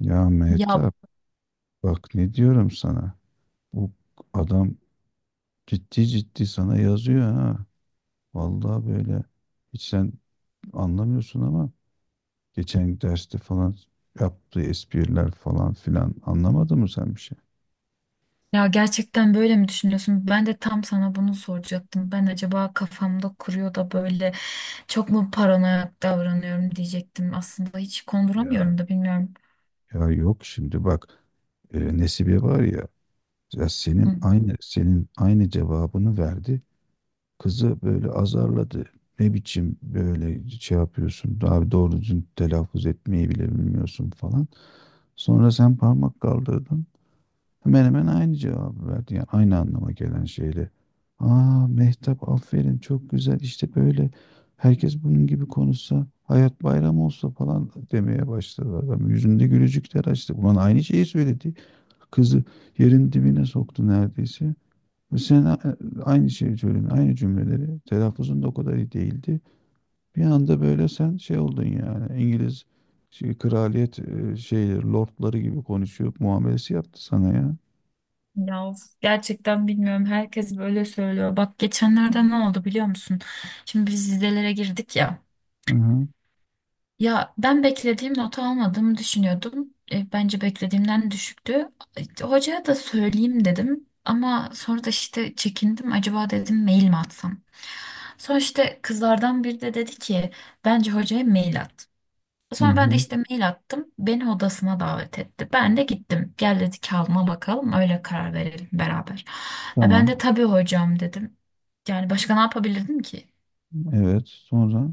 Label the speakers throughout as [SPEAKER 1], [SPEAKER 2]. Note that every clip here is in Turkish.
[SPEAKER 1] Ya
[SPEAKER 2] Ya
[SPEAKER 1] Mehtap, bak ne diyorum sana. Bu adam ciddi ciddi sana yazıyor ha. Vallahi böyle. Hiç sen anlamıyorsun ama geçen derste falan yaptığı espriler falan filan anlamadın mı sen bir şey?
[SPEAKER 2] ya gerçekten böyle mi düşünüyorsun? Ben de tam sana bunu soracaktım. Ben acaba kafamda kuruyor da böyle çok mu paranoyak davranıyorum diyecektim. Aslında hiç
[SPEAKER 1] Ya
[SPEAKER 2] konduramıyorum da bilmiyorum.
[SPEAKER 1] ya yok şimdi bak, Nesibe var ya, ya
[SPEAKER 2] Hı.
[SPEAKER 1] senin aynı senin aynı cevabını verdi. Kızı böyle azarladı. Ne biçim böyle şey yapıyorsun? Abi doğru düzgün telaffuz etmeyi bile bilmiyorsun falan. Sonra sen parmak kaldırdın. Hemen hemen aynı cevabı verdi. Yani aynı anlama gelen şeyle. Aa Mehtap, aferin, çok güzel, işte böyle herkes bunun gibi konuşsa hayat bayram olsa falan demeye başladı adam. Yüzünde gülücükler açtı. Ulan aynı şeyi söyledi. Kızı yerin dibine soktu neredeyse. Sen aynı şeyi söyledin, aynı cümleleri. Telaffuzun da o kadar iyi değildi. Bir anda böyle sen şey oldun yani İngiliz şey, kraliyet şeyleri, lordları gibi konuşuyor muamelesi yaptı sana ya.
[SPEAKER 2] Ya of, gerçekten bilmiyorum. Herkes böyle söylüyor. Bak geçenlerde ne oldu biliyor musun? Şimdi biz vizelere girdik ya.
[SPEAKER 1] Hı hı.
[SPEAKER 2] Ya ben beklediğim notu almadığımı düşünüyordum. Bence beklediğimden düşüktü. Hocaya da söyleyeyim dedim. Ama sonra da işte çekindim. Acaba dedim mail mi atsam? Sonra işte kızlardan biri de dedi ki bence hocaya mail at.
[SPEAKER 1] Hı
[SPEAKER 2] Sonra ben de
[SPEAKER 1] hı.
[SPEAKER 2] işte mail attım. Beni odasına davet etti. Ben de gittim. Gel dedi kağıdına bakalım öyle karar verelim beraber. Ben
[SPEAKER 1] Tamam.
[SPEAKER 2] de tabii hocam dedim. Yani başka ne yapabilirdim ki?
[SPEAKER 1] Evet. Sonra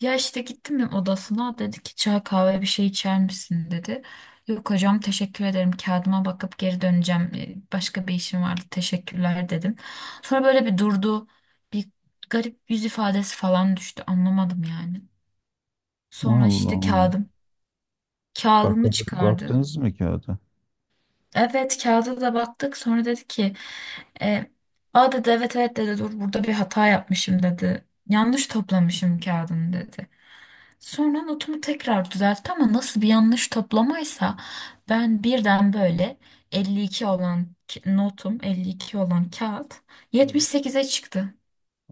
[SPEAKER 2] Ya işte gittim odasına dedi ki çay kahve bir şey içer misin dedi. Yok hocam teşekkür ederim kağıdıma bakıp geri döneceğim. Başka bir işim vardı teşekkürler dedim. Sonra böyle bir durdu bir garip yüz ifadesi falan düştü anlamadım yani.
[SPEAKER 1] Allah
[SPEAKER 2] Sonra işte
[SPEAKER 1] Allah. Bak,
[SPEAKER 2] kağıdımı çıkardı.
[SPEAKER 1] baktınız mı kağıda?
[SPEAKER 2] Evet kağıda da baktık sonra dedi ki e, aa dedi evet evet dedi dur burada bir hata yapmışım dedi. Yanlış toplamışım kağıdını dedi. Sonra notumu tekrar düzeltti ama nasıl bir yanlış toplamaysa ben birden böyle 52 olan notum 52 olan kağıt
[SPEAKER 1] Evet.
[SPEAKER 2] 78'e çıktı.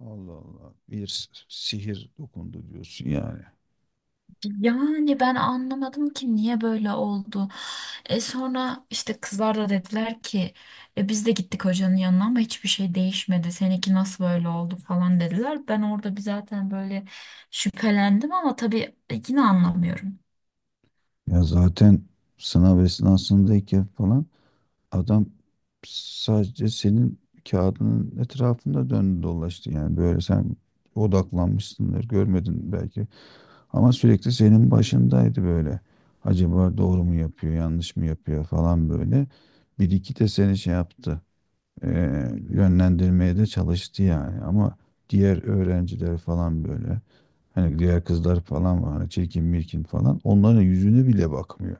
[SPEAKER 1] Allah Allah. Bir sihir dokundu diyorsun yani.
[SPEAKER 2] Yani ben anlamadım ki niye böyle oldu. E sonra işte kızlar da dediler ki e biz de gittik hocanın yanına ama hiçbir şey değişmedi. Seninki nasıl böyle oldu falan dediler. Ben orada bir zaten böyle şüphelendim ama tabii yine anlamıyorum.
[SPEAKER 1] Ya zaten sınav esnasındayken falan adam sadece senin kağıdının etrafında döndü dolaştı, yani böyle sen odaklanmışsındır, görmedin belki ama sürekli senin başındaydı, böyle acaba doğru mu yapıyor yanlış mı yapıyor falan, böyle bir iki de seni şey yaptı, yönlendirmeye de çalıştı yani. Ama diğer öğrenciler falan, böyle hani diğer kızlar falan var hani, çirkin mirkin falan, onların yüzüne bile bakmıyor.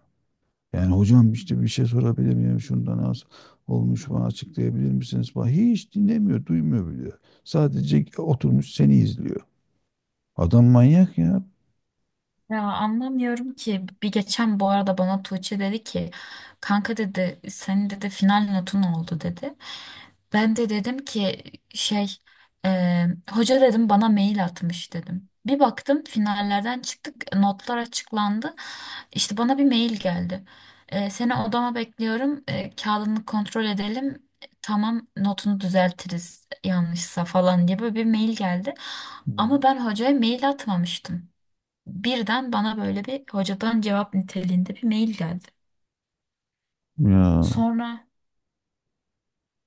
[SPEAKER 1] Yani hocam işte bir şey sorabilir miyim? Şundan az olmuş, bana açıklayabilir misiniz? Falan. Hiç dinlemiyor, duymuyor bile. Sadece oturmuş seni izliyor. Adam manyak ya.
[SPEAKER 2] Ya anlamıyorum ki bir geçen bu arada bana Tuğçe dedi ki kanka dedi senin dedi final notun oldu dedi. Ben de dedim ki şey e, hoca dedim bana mail atmış dedim. Bir baktım finallerden çıktık notlar açıklandı. İşte bana bir mail geldi. Seni odama bekliyorum, kağıdını kontrol edelim. Tamam notunu düzeltiriz yanlışsa falan diye böyle bir mail geldi. Ama ben hocaya mail atmamıştım. Birden bana böyle bir hocadan cevap niteliğinde bir mail geldi.
[SPEAKER 1] Ya
[SPEAKER 2] Sonra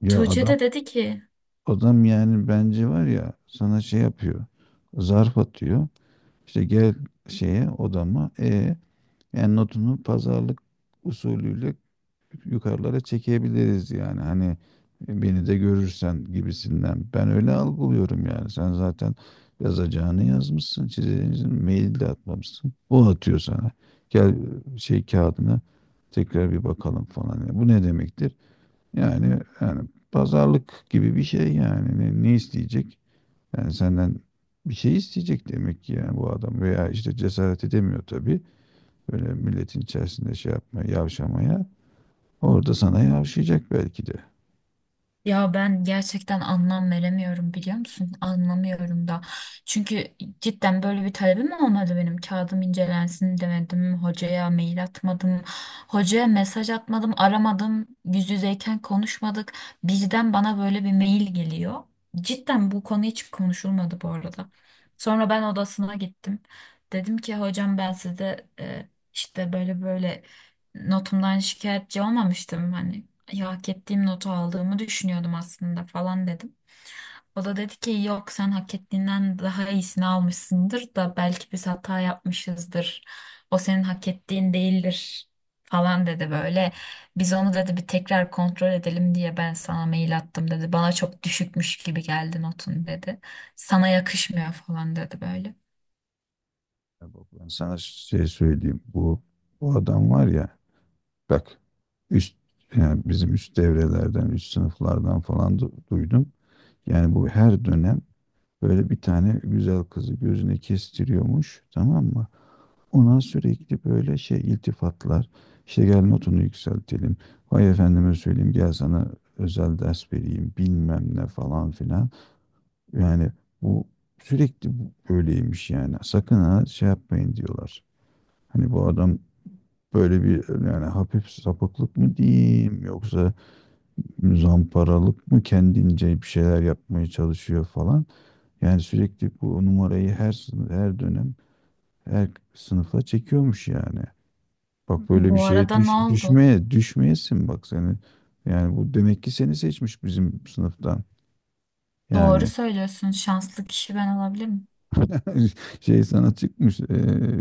[SPEAKER 1] Ya
[SPEAKER 2] Tuğçe
[SPEAKER 1] adam
[SPEAKER 2] de dedi ki
[SPEAKER 1] adam yani bence var ya, sana şey yapıyor. Zarf atıyor. İşte gel şeye, odama. E yani notunu pazarlık usulüyle yukarılara çekebiliriz yani hani, "E, beni de görürsen" gibisinden. Ben öyle algılıyorum yani. Sen zaten yazacağını yazmışsın, çizeceğini, mail de atmamışsın. O atıyor sana. Gel, şey, kağıdına tekrar bir bakalım falan. Yani bu ne demektir? Yani pazarlık gibi bir şey yani. Ne, ne isteyecek? Yani senden bir şey isteyecek demek ki yani, bu adam. Veya işte cesaret edemiyor tabii. Böyle milletin içerisinde şey yapmaya, yavşamaya. Orada sana yavşayacak belki de.
[SPEAKER 2] ya ben gerçekten anlam veremiyorum biliyor musun? Anlamıyorum da. Çünkü cidden böyle bir talebim olmadı benim. Kağıdım incelensin demedim. Hocaya mail atmadım. Hocaya mesaj atmadım. Aramadım. Yüz yüzeyken konuşmadık. Birden bana böyle bir mail geliyor. Cidden bu konu hiç konuşulmadı bu arada. Sonra ben odasına gittim. Dedim ki hocam ben size işte böyle böyle notumdan şikayetçi olmamıştım. Hani ya hak ettiğim notu aldığımı düşünüyordum aslında falan dedim. O da dedi ki yok sen hak ettiğinden daha iyisini almışsındır da belki biz hata yapmışızdır. O senin hak ettiğin değildir falan dedi böyle. Biz onu dedi bir tekrar kontrol edelim diye ben sana mail attım dedi. Bana çok düşükmüş gibi geldi notun dedi. Sana yakışmıyor falan dedi böyle.
[SPEAKER 1] Ya bak, ben sana şey söyleyeyim. Bu adam var ya bak, üst, yani bizim üst devrelerden, üst sınıflardan falan duydum. Yani bu her dönem böyle bir tane güzel kızı gözüne kestiriyormuş, tamam mı? Ona sürekli böyle şey, iltifatlar. İşte gel notunu yükseltelim. Vay efendime söyleyeyim, gel sana özel ders vereyim, bilmem ne falan filan. Yani bu sürekli böyleymiş yani. Sakın ha şey yapmayın diyorlar. Hani bu adam böyle bir yani hafif sapıklık mı diyeyim, yoksa zamparalık mı, kendince bir şeyler yapmaya çalışıyor falan. Yani sürekli bu numarayı her sınıf, her dönem, her sınıfa çekiyormuş yani. Bak böyle bir
[SPEAKER 2] Bu
[SPEAKER 1] şeye
[SPEAKER 2] arada ne oldu?
[SPEAKER 1] düşmeye düşmeyesin bak seni. Yani bu demek ki seni seçmiş bizim sınıftan.
[SPEAKER 2] Doğru
[SPEAKER 1] Yani
[SPEAKER 2] söylüyorsun. Şanslı kişi ben olabilirim.
[SPEAKER 1] şey sana çıkmış,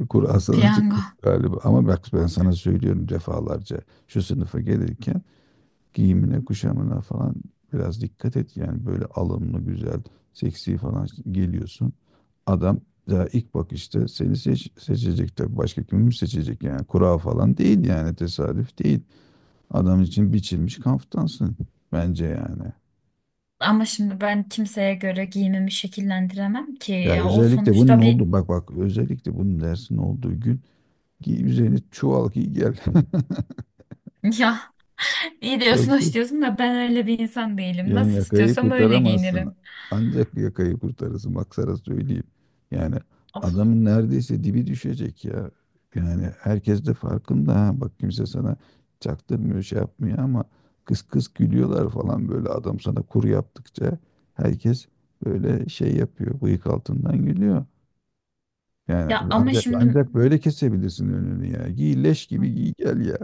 [SPEAKER 1] kura sana
[SPEAKER 2] Piyango.
[SPEAKER 1] çıkmış galiba. Ama bak ben sana söylüyorum defalarca. Şu sınıfa gelirken giyimine, kuşamına falan biraz dikkat et. Yani böyle alımlı, güzel, seksi falan geliyorsun. Adam daha ilk bakışta seni seçecek tabii. Başka kimi seçecek yani? Kura falan değil yani, tesadüf değil. Adam için biçilmiş kaftansın bence yani.
[SPEAKER 2] Ama şimdi ben kimseye göre giyimimi şekillendiremem ki.
[SPEAKER 1] Ya
[SPEAKER 2] Ya o
[SPEAKER 1] özellikle bunun
[SPEAKER 2] sonuçta bir
[SPEAKER 1] oldu, bak bak özellikle bunun dersin olduğu gün giy, üzerini çuval giy gel.
[SPEAKER 2] ya iyi diyorsun
[SPEAKER 1] Yoksa
[SPEAKER 2] hoş diyorsun da ben öyle bir insan değilim.
[SPEAKER 1] yani
[SPEAKER 2] Nasıl
[SPEAKER 1] yakayı
[SPEAKER 2] istiyorsam öyle
[SPEAKER 1] kurtaramazsın.
[SPEAKER 2] giyinirim.
[SPEAKER 1] Ancak yakayı kurtarırsın. Bak sana söyleyeyim. Yani
[SPEAKER 2] Of.
[SPEAKER 1] adamın neredeyse dibi düşecek ya. Yani herkes de farkında ha. Bak kimse sana çaktırmıyor, şey yapmıyor, ama kıs kıs gülüyorlar falan, böyle adam sana kuru yaptıkça herkes böyle şey yapıyor. Bıyık altından gülüyor. Yani
[SPEAKER 2] Ya ama
[SPEAKER 1] ancak
[SPEAKER 2] şimdi
[SPEAKER 1] ancak böyle kesebilirsin önünü ya. Giy leş gibi giy gel ya.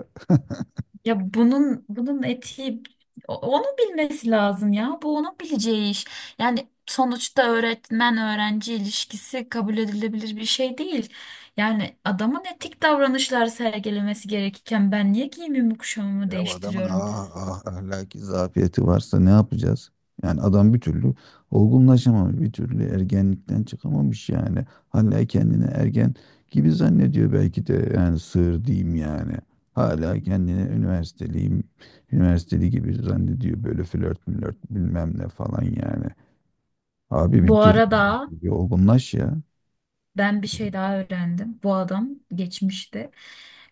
[SPEAKER 2] ya bunun etiği onu bilmesi lazım ya. Bu onun bileceği iş. Yani sonuçta öğretmen öğrenci ilişkisi kabul edilebilir bir şey değil. Yani adamın etik davranışlar sergilemesi gerekirken ben niye giyimimi kuşamımı
[SPEAKER 1] Ya bu adamın
[SPEAKER 2] değiştiriyorum?
[SPEAKER 1] ahlaki zafiyeti varsa ne yapacağız? Yani adam bir türlü olgunlaşamamış, bir türlü ergenlikten çıkamamış yani. Hala kendini ergen gibi zannediyor belki de, yani sığır diyeyim yani. Hala kendini üniversiteli gibi zannediyor, böyle flört mülört bilmem ne falan yani. Abi
[SPEAKER 2] Bu arada
[SPEAKER 1] bir olgunlaş ya.
[SPEAKER 2] ben bir şey daha öğrendim. Bu adam geçmişte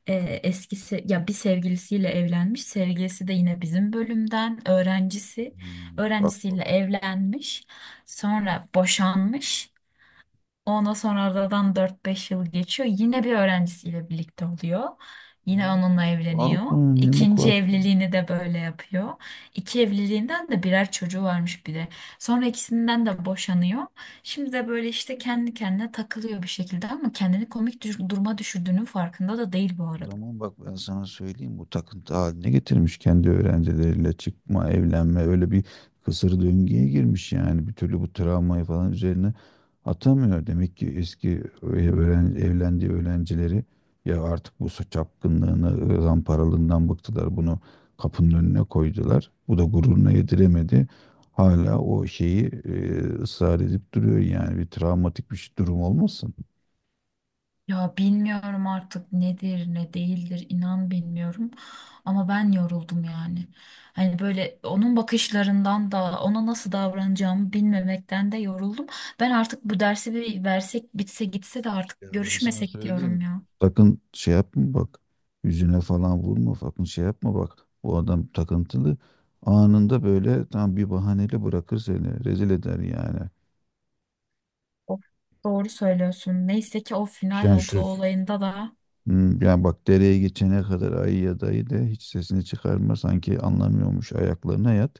[SPEAKER 2] e, eski ya bir sevgilisiyle evlenmiş. Sevgilisi de yine bizim bölümden öğrencisi.
[SPEAKER 1] Hmm. Bak.
[SPEAKER 2] Öğrencisiyle evlenmiş. Sonra boşanmış. Ondan sonra aradan 4-5 yıl geçiyor. Yine bir öğrencisiyle birlikte oluyor. Yine
[SPEAKER 1] Hmm,
[SPEAKER 2] onunla evleniyor.
[SPEAKER 1] Vallahi ne
[SPEAKER 2] İkinci
[SPEAKER 1] mukadder.
[SPEAKER 2] evliliğini de böyle yapıyor. İki evliliğinden de birer çocuğu varmış bir de. Sonra ikisinden de boşanıyor. Şimdi de böyle işte kendi kendine takılıyor bir şekilde ama kendini komik duruma düşürdüğünün farkında da değil bu
[SPEAKER 1] O
[SPEAKER 2] arada.
[SPEAKER 1] zaman bak, ben sana söyleyeyim, bu takıntı haline getirmiş kendi öğrencileriyle çıkma, evlenme, öyle bir kısır döngüye girmiş yani, bir türlü bu travmayı falan üzerine atamıyor. Demek ki evlendiği öğrencileri ya artık bu çapkınlığını, zamparalığından bıktılar, bunu kapının önüne koydular. Bu da gururuna yediremedi. Hala o şeyi ısrar edip duruyor yani, bir travmatik bir durum olmasın.
[SPEAKER 2] Ya bilmiyorum artık nedir ne değildir inan bilmiyorum ama ben yoruldum yani. Hani böyle onun bakışlarından da ona nasıl davranacağımı bilmemekten de yoruldum. Ben artık bu dersi bir versek bitse gitse de artık
[SPEAKER 1] Ya ben sana
[SPEAKER 2] görüşmesek diyorum
[SPEAKER 1] söyleyeyim.
[SPEAKER 2] ya.
[SPEAKER 1] Sakın şey yapma bak. Yüzüne falan vurma. Sakın şey yapma bak. Bu adam takıntılı. Anında böyle tam bir bahaneyle bırakır seni. Rezil eder yani.
[SPEAKER 2] Of, doğru söylüyorsun. Neyse ki o final
[SPEAKER 1] Yani
[SPEAKER 2] notu
[SPEAKER 1] şu,
[SPEAKER 2] olayında da
[SPEAKER 1] Yani bak, dereye geçene kadar ayı ya dayı de, hiç sesini çıkarma, sanki anlamıyormuş ayaklarına yat,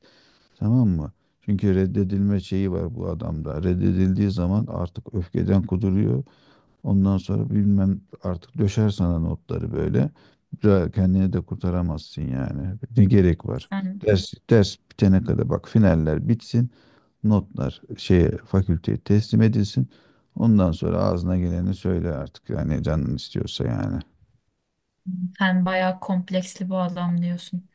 [SPEAKER 1] tamam mı? Çünkü reddedilme şeyi var bu adamda. Reddedildiği zaman artık öfkeden kuduruyor. Ondan sonra bilmem artık, döşer sana notları böyle. Kendini de kurtaramazsın yani. Ne gerek var?
[SPEAKER 2] sen
[SPEAKER 1] Ders bitene kadar bak, finaller bitsin. Notlar şeye, fakülteye teslim edilsin. Ondan sonra ağzına geleni söyle artık. Yani canın istiyorsa yani.
[SPEAKER 2] sen bayağı kompleksli bu adam diyorsun.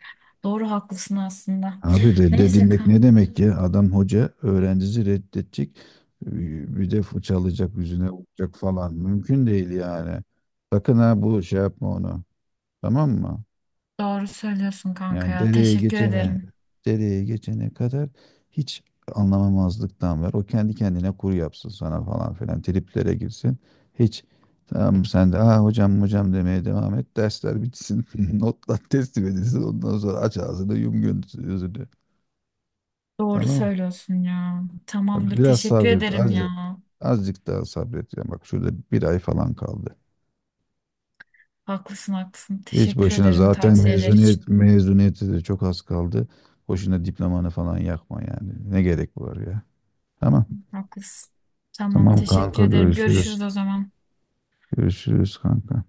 [SPEAKER 2] Doğru haklısın aslında.
[SPEAKER 1] Abi
[SPEAKER 2] Neyse ki
[SPEAKER 1] reddedilmek ne demek ya? Adam hoca, öğrencisi reddedecek. Bir de fırçalayacak, yüzüne vuracak falan. Mümkün değil yani. Sakın ha bu şey yapma onu. Tamam mı?
[SPEAKER 2] doğru söylüyorsun kanka
[SPEAKER 1] Yani
[SPEAKER 2] ya. Teşekkür ederim.
[SPEAKER 1] dereye geçene kadar hiç anlamamazlıktan ver. O kendi kendine kur yapsın sana falan filan. Triplere girsin. Hiç, tamam, sen de ah hocam hocam demeye devam et. Dersler bitsin. Notlar teslim edilsin. Ondan sonra aç ağzını yum gözünü.
[SPEAKER 2] Doğru
[SPEAKER 1] Tamam.
[SPEAKER 2] söylüyorsun ya.
[SPEAKER 1] Tabii.
[SPEAKER 2] Tamamdır.
[SPEAKER 1] Biraz
[SPEAKER 2] Teşekkür
[SPEAKER 1] sabret.
[SPEAKER 2] ederim
[SPEAKER 1] Azıcık,
[SPEAKER 2] ya.
[SPEAKER 1] azıcık daha sabret. Ya bak şurada bir ay falan kaldı.
[SPEAKER 2] Haklısın haklısın.
[SPEAKER 1] Hiç
[SPEAKER 2] Teşekkür
[SPEAKER 1] boşuna
[SPEAKER 2] ederim
[SPEAKER 1] zaten
[SPEAKER 2] tavsiyeler için.
[SPEAKER 1] mezuniyeti de çok az kaldı. Boşuna diplomanı falan yakma yani. Ne gerek var ya? Tamam.
[SPEAKER 2] Haklısın. Tamam
[SPEAKER 1] Tamam
[SPEAKER 2] teşekkür
[SPEAKER 1] kanka,
[SPEAKER 2] ederim. Görüşürüz
[SPEAKER 1] görüşürüz.
[SPEAKER 2] o zaman.
[SPEAKER 1] Görüşürüz kanka.